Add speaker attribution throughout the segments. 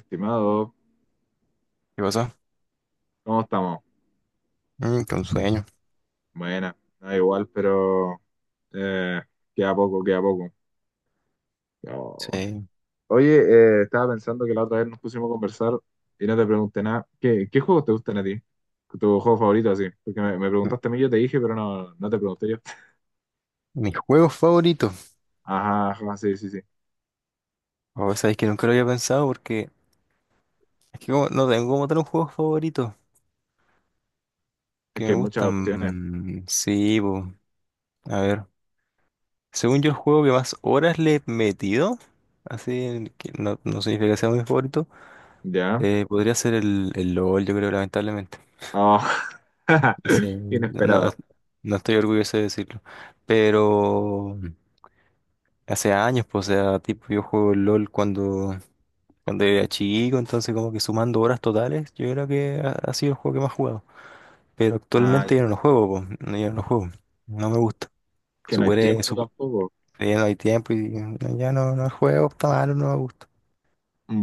Speaker 1: Estimado,
Speaker 2: ¿Qué pasó?
Speaker 1: ¿cómo estamos?
Speaker 2: Mm, que un sueño.
Speaker 1: Buena, da igual, pero eh, queda poco, queda poco. Oh.
Speaker 2: Sí.
Speaker 1: Oye, estaba pensando que la otra vez nos pusimos a conversar y no te pregunté nada. ¿Qué juegos te gustan a ti? ¿Tu juego favorito así? Porque me
Speaker 2: M-
Speaker 1: preguntaste a mí, yo te dije, pero no, no te pregunté yo.
Speaker 2: Mis juegos favoritos.
Speaker 1: Ajá, ajá, sí, sí, sí.
Speaker 2: O sabéis que nunca lo había pensado, porque no tengo como tal un juego favorito
Speaker 1: Es
Speaker 2: que
Speaker 1: que
Speaker 2: me
Speaker 1: hay muchas opciones.
Speaker 2: gustan. Mm, sí, po. A ver. Según yo, el juego que más horas le he metido, así, en que no significa que sea mi favorito,
Speaker 1: ¿Ya?
Speaker 2: podría ser el LOL, yo creo, lamentablemente.
Speaker 1: Oh.
Speaker 2: Sí,
Speaker 1: Inesperado.
Speaker 2: no estoy orgulloso de decirlo. Pero hace años, pues, o sea, tipo, yo juego LOL cuando. Cuando era chico, entonces como que sumando horas totales, yo creo que ha sido el juego que más he jugado. Pero
Speaker 1: Ah,
Speaker 2: actualmente
Speaker 1: ya.
Speaker 2: yo no lo juego, po, no, yo no lo juego. No me gusta.
Speaker 1: Que no hay
Speaker 2: Superé,
Speaker 1: tiempo
Speaker 2: sup-
Speaker 1: tampoco.
Speaker 2: ya no hay tiempo y no, ya no juego, está malo, no me gusta.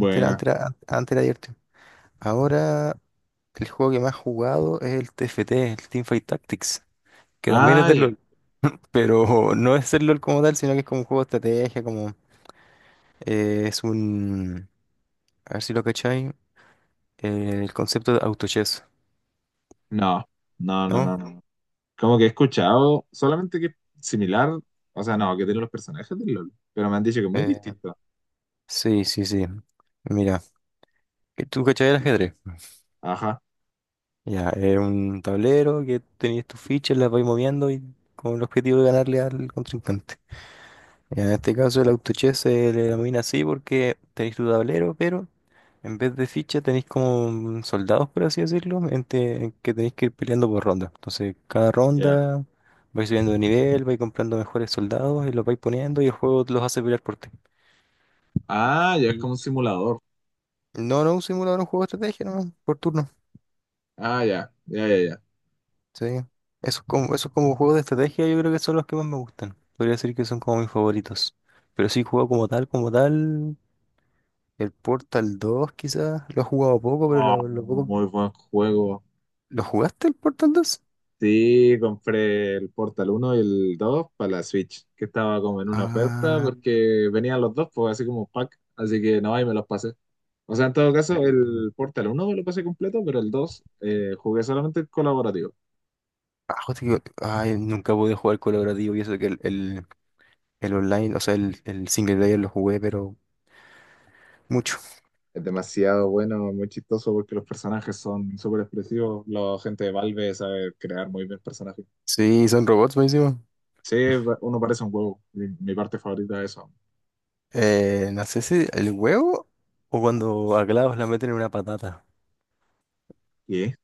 Speaker 2: Antes era divertido. Ahora el juego que más he jugado es el TFT, el Teamfight Tactics, que también es
Speaker 1: Ah,
Speaker 2: del
Speaker 1: ya.
Speaker 2: LOL. Pero no es el LOL como tal, sino que es como un juego de estrategia, como es un... A ver si lo cacháis, el concepto de autochess,
Speaker 1: No, no, no, no,
Speaker 2: ¿no?
Speaker 1: no. Como que he escuchado solamente que es similar, o sea, no, que tiene los personajes del LOL, pero me han dicho que es muy
Speaker 2: Eh,
Speaker 1: distinto.
Speaker 2: Sí, sí, sí. Mira, ¿que tú cachai el ajedrez?
Speaker 1: Ajá,
Speaker 2: Ya, es un tablero que tenías tus fichas, las vais moviendo y con el objetivo de ganarle al contrincante. Ya, en este caso el autochess se le denomina así porque tenéis tu tablero, pero en vez de fichas tenéis como soldados, por así decirlo, en que tenéis que ir peleando por ronda. Entonces, cada
Speaker 1: ya.
Speaker 2: ronda vais subiendo de nivel, vais comprando mejores soldados y los vais poniendo y el juego los hace pelear por ti.
Speaker 1: Ah, ya es como
Speaker 2: Y-
Speaker 1: un simulador.
Speaker 2: No, no, un simulador, un juego de estrategia, no, por turno.
Speaker 1: Ah, ya, ya, ya, ya.
Speaker 2: Sí. Esos como juegos de estrategia yo creo que son los que más me gustan. Podría decir que son como mis favoritos. Pero sí, juego como tal, como tal. El Portal 2, quizás. Lo he jugado poco, pero
Speaker 1: Oh,
Speaker 2: lo poco...
Speaker 1: muy buen juego.
Speaker 2: ¿Lo jugaste el Portal 2?
Speaker 1: Sí, compré el Portal uno y el 2 para la Switch, que estaba como en una oferta
Speaker 2: Ah,
Speaker 1: porque venían los dos, pues así como pack, así que no, ahí me los pasé. O sea, en todo caso,
Speaker 2: eh,
Speaker 1: el Portal uno me lo pasé completo, pero el 2 jugué solamente el colaborativo.
Speaker 2: ah, ay, nunca pude jugar colaborativo, y eso que el online, o sea, el single player lo jugué, pero mucho.
Speaker 1: Es demasiado bueno, muy chistoso porque los personajes son súper expresivos. La gente de Valve sabe crear muy bien personajes.
Speaker 2: Sí, son robots buenísimo.
Speaker 1: Sí, uno parece un huevo. Mi parte favorita de eso.
Speaker 2: No sé si el huevo o cuando a Clavos la meten en una patata.
Speaker 1: ¿Qué?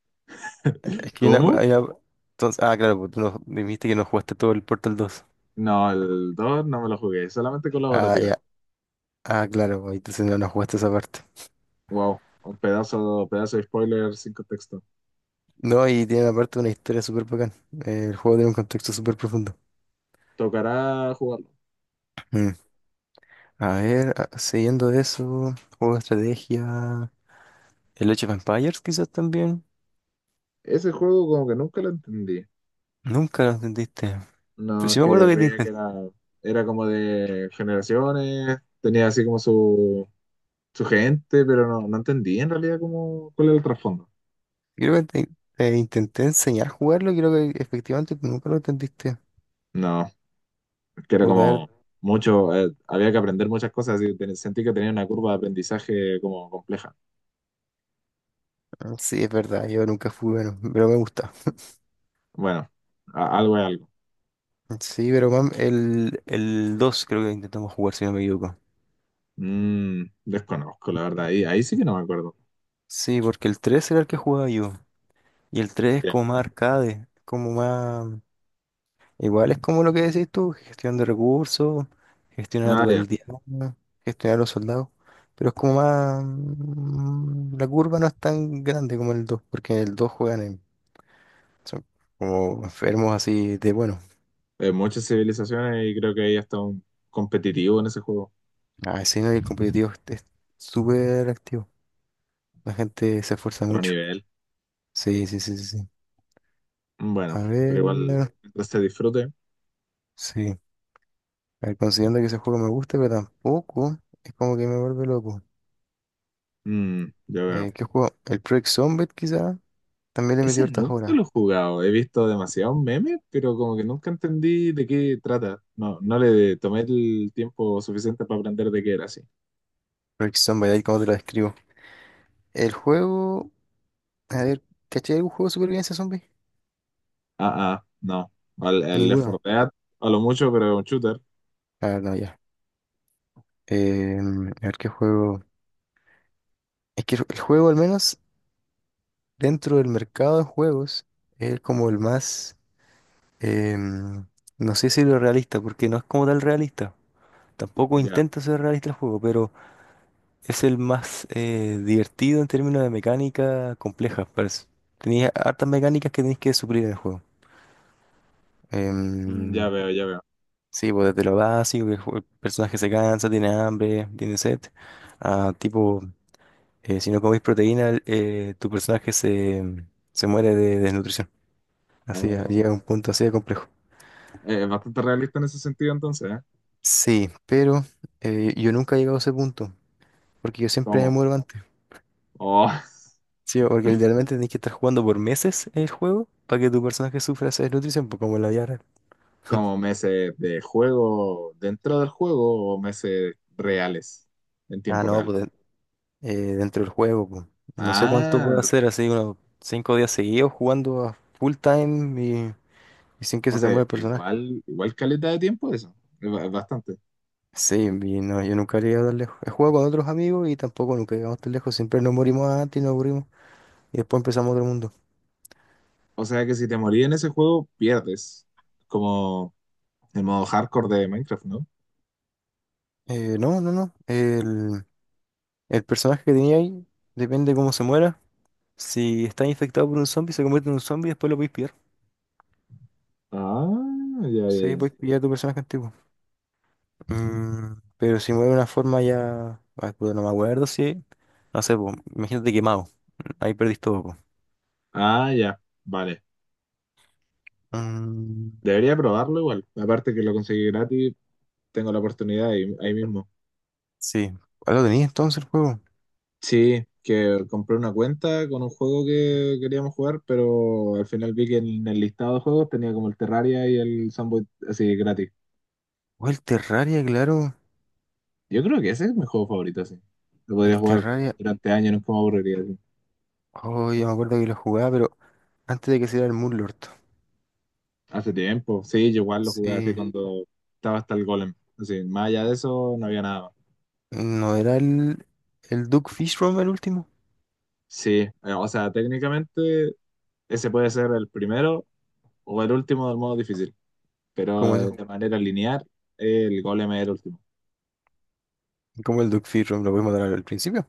Speaker 2: Es que una-
Speaker 1: ¿Cómo?
Speaker 2: hay una- entonces, ah, claro, pues tú no, dijiste que no jugaste todo el Portal 2.
Speaker 1: No, el 2 no me lo jugué, solamente
Speaker 2: Ah,
Speaker 1: colaborativa.
Speaker 2: ya. Ah, claro, pues, entonces no, no jugaste esa parte.
Speaker 1: Wow, un pedazo, pedazo de spoiler sin contexto.
Speaker 2: No, y tiene aparte una historia súper bacán. El juego tiene un contexto súper profundo.
Speaker 1: Tocará jugarlo.
Speaker 2: Mm. A ver, siguiendo de eso, juego de estrategia. El Age of Empires quizás también.
Speaker 1: Ese juego como que nunca lo entendí.
Speaker 2: Nunca lo entendiste. Pero
Speaker 1: No, es
Speaker 2: sí me
Speaker 1: que
Speaker 2: acuerdo que te
Speaker 1: veía que
Speaker 2: intenté,
Speaker 1: era como de generaciones, tenía así como su gente, pero no, no entendí en realidad cómo, cuál era el trasfondo.
Speaker 2: creo que te intenté enseñar a jugarlo y creo que efectivamente tú nunca lo entendiste.
Speaker 1: No, que era
Speaker 2: Puta, a ver,
Speaker 1: como mucho, había que aprender muchas cosas y sentí que tenía una curva de aprendizaje como compleja.
Speaker 2: ah, sí, es verdad, yo nunca fui bueno, pero me gusta.
Speaker 1: Bueno, algo es algo.
Speaker 2: Sí, pero mam, el 2 creo que intentamos jugar, si no me equivoco.
Speaker 1: Mm, desconozco, la verdad, ahí, ahí sí que no me acuerdo.
Speaker 2: Sí, porque el 3 era el que jugaba yo. Y el 3 es
Speaker 1: Ya,
Speaker 2: como más arcade, como más... Igual es como lo que decís tú, gestión de recursos, gestionar a
Speaker 1: ah,
Speaker 2: tu
Speaker 1: ya.
Speaker 2: aldeano, gestionar a los soldados. Pero es como más... mm, la curva no es tan grande como el 2 porque en el 2 juegan en... Son como enfermos así de bueno.
Speaker 1: Muchas civilizaciones y creo que ahí está un competitivo en ese juego,
Speaker 2: Ah, sí, no, y el competitivo es súper activo. La gente se esfuerza
Speaker 1: otro
Speaker 2: mucho.
Speaker 1: nivel.
Speaker 2: Sí, sí, sí, sí. Sí.
Speaker 1: Mm,
Speaker 2: A
Speaker 1: bueno, pero
Speaker 2: ver,
Speaker 1: igual, mientras se disfrute,
Speaker 2: sí. A ver, considerando que ese juego me gusta, pero tampoco es como que me vuelve loco.
Speaker 1: mm, yo veo.
Speaker 2: ¿Qué juego? El Project Zombat, quizá. También le metí
Speaker 1: Ese
Speaker 2: hartas
Speaker 1: nunca
Speaker 2: horas.
Speaker 1: lo he jugado. He visto demasiados memes, pero como que nunca entendí de qué trata. No, no le tomé el tiempo suficiente para aprender de qué era así.
Speaker 2: Project Zombat, ahí como te lo describo. El juego. A ver, ¿cachai algún juego de supervivencia zombie?
Speaker 1: Ah, ah, no. El Left 4
Speaker 2: Ninguno.
Speaker 1: Dead, a lo mucho, pero es un shooter.
Speaker 2: Ah, no, ya. Eh, a ver qué juego. Es que el juego, al menos dentro del mercado de juegos, es como el más. em, no sé si lo realista, porque no es como tal realista. Tampoco
Speaker 1: Ya,
Speaker 2: intenta ser realista el juego, pero. Es el más divertido en términos de mecánica compleja, parece. Tenía hartas mecánicas que tenéis que suplir en el juego.
Speaker 1: mm,
Speaker 2: Em,
Speaker 1: ya veo, ya veo.
Speaker 2: sí, pues desde lo básico, que el personaje se cansa, tiene hambre, tiene sed, a tipo, si no coméis proteína, tu personaje se, se muere de desnutrición. Así,
Speaker 1: Oh,
Speaker 2: llega a un punto así de complejo.
Speaker 1: es bastante realista en ese sentido entonces, ¿eh?
Speaker 2: Sí, pero yo nunca he llegado a ese punto, porque yo siempre me
Speaker 1: ¿Cómo?
Speaker 2: muero antes.
Speaker 1: Oh,
Speaker 2: Sí, porque literalmente tenés que estar jugando por meses el juego para que tu personaje sufra esa desnutrición, pues como en la vida real.
Speaker 1: ¿como meses de juego dentro del juego o meses reales, en
Speaker 2: Ah,
Speaker 1: tiempo
Speaker 2: no,
Speaker 1: real?
Speaker 2: dentro del juego, pues. No sé cuánto puedo
Speaker 1: Ah,
Speaker 2: hacer, así unos 5 días seguidos jugando a full time y sin que
Speaker 1: o
Speaker 2: se te
Speaker 1: sea,
Speaker 2: mueva el personaje.
Speaker 1: igual, igual caleta de tiempo eso. Es bastante.
Speaker 2: Sí, y no, yo nunca he llegado tan lejos. He jugado con otros amigos y tampoco nunca llegamos tan lejos. Siempre nos morimos antes y nos aburrimos y después empezamos otro mundo.
Speaker 1: O sea que si te morís en ese juego, pierdes. ¿Como el modo hardcore de Minecraft, no?
Speaker 2: No, no, no. El personaje que tenía ahí depende de cómo se muera. Si está infectado por un zombie, se convierte en un zombie y después lo podéis pillar.
Speaker 1: Ah, ya, ya,
Speaker 2: Sí,
Speaker 1: ya.
Speaker 2: puedes pillar tu personaje antiguo. Mm, pero si mueve de una forma ya. Ah, puta, no me acuerdo si. No sé, po, imagínate quemado. Ahí perdiste todo, po.
Speaker 1: Ah, ya. Vale.
Speaker 2: Mm,
Speaker 1: Debería probarlo igual. Aparte que lo conseguí gratis, tengo la oportunidad ahí, ahí mismo.
Speaker 2: sí. ¿Cuál lo tenías entonces el juego?
Speaker 1: Sí, que compré una cuenta con un juego que queríamos jugar, pero al final vi que en el listado de juegos tenía como el Terraria y el Sunboy así gratis.
Speaker 2: O el Terraria, claro.
Speaker 1: Yo creo que ese es mi juego favorito, así. Lo
Speaker 2: El
Speaker 1: podría jugar
Speaker 2: Terraria.
Speaker 1: durante años, no es como aburriría.
Speaker 2: Oh, yo me acuerdo que lo jugaba, pero antes de que saliera el Moonlord.
Speaker 1: Hace tiempo, sí, yo igual lo jugué así, sí,
Speaker 2: Sí.
Speaker 1: cuando estaba hasta el golem. Así, más allá de eso, no había nada más.
Speaker 2: ¿No era el Duke Fishrom el último?
Speaker 1: Sí, o sea, técnicamente ese puede ser el primero o el último del modo difícil, pero
Speaker 2: ¿Cómo eso?
Speaker 1: de manera lineal, el golem es el último.
Speaker 2: ¿Cómo el Duke Fishrom lo puedes matar al principio?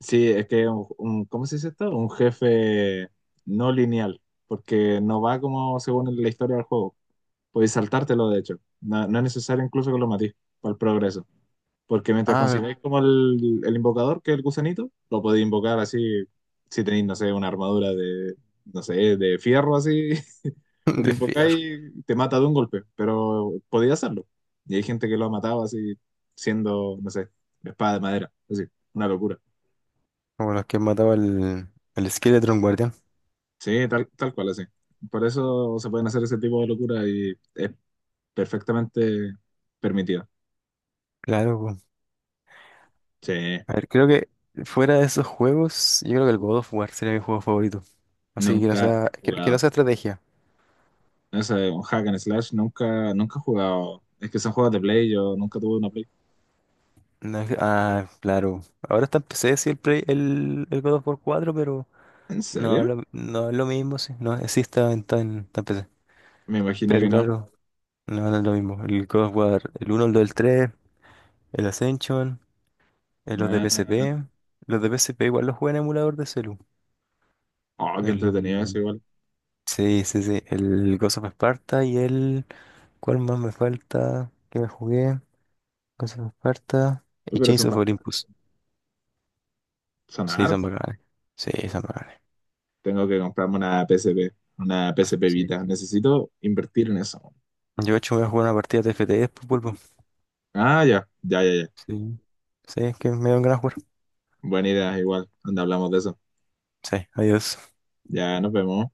Speaker 1: Sí, es que ¿cómo se dice esto? Un jefe no lineal, porque no va como según la historia del juego. Puedes saltártelo, de hecho. No, no es necesario incluso que lo matís para el progreso. Porque mientras
Speaker 2: Ah,
Speaker 1: consigáis como el invocador, que es el gusanito, lo podéis invocar así, si tenéis, no sé, una armadura de, no sé, de fierro así, y lo
Speaker 2: de Fear.
Speaker 1: invocáis, te mata de un golpe, pero podéis hacerlo. Y hay gente que lo ha matado así, siendo, no sé, espada de madera, así, una locura.
Speaker 2: Como los que mataba el Skeleton Guardián.
Speaker 1: Sí, tal, tal cual, así. Por eso se pueden hacer ese tipo de locura y es perfectamente permitido.
Speaker 2: Claro, po.
Speaker 1: Sí,
Speaker 2: A ver, creo que fuera de esos juegos, yo creo que el God of War sería mi juego favorito. Así
Speaker 1: nunca he
Speaker 2: que no
Speaker 1: jugado.
Speaker 2: sea estrategia.
Speaker 1: Ese un hack and slash, nunca, nunca he jugado. Es que son juegos de Play, yo nunca tuve una Play.
Speaker 2: No es- ah, claro. Ahora está en PC, sí, el God of War 4, pero
Speaker 1: ¿En
Speaker 2: no,
Speaker 1: serio?
Speaker 2: no es lo mismo, sí. No, sí está en PC.
Speaker 1: Me imagino
Speaker 2: Pero
Speaker 1: que no.
Speaker 2: claro, no, no es lo mismo. El God of War, el uno, el 2, el 3, el Ascension, los de PSP. Los de PSP igual los juegan en emulador de celu.
Speaker 1: Ah, oh, qué entretenido eso igual.
Speaker 2: Sí, sí, sí. El Ghost of Sparta y el... ¿Cuál más me falta? ¿Qué me jugué? Ghost of Sparta
Speaker 1: Uy,
Speaker 2: y
Speaker 1: pero
Speaker 2: Chains
Speaker 1: son
Speaker 2: of
Speaker 1: bastante,
Speaker 2: Olympus.
Speaker 1: son
Speaker 2: Sí, son
Speaker 1: hartos.
Speaker 2: bacanes. Sí, son bacanes.
Speaker 1: Tengo que comprarme una PSP, una PSP
Speaker 2: Sí.
Speaker 1: Vita. Necesito invertir en eso.
Speaker 2: Yo, de hecho, voy a jugar una partida de FTS, pues, vuelvo.
Speaker 1: Ah, ya, ya, ya, ya.
Speaker 2: Sí. Sí, es que me dan ganas de jugar.
Speaker 1: Buena idea, igual. Donde hablamos de eso.
Speaker 2: Sí, adiós.
Speaker 1: Ya, nos vemos.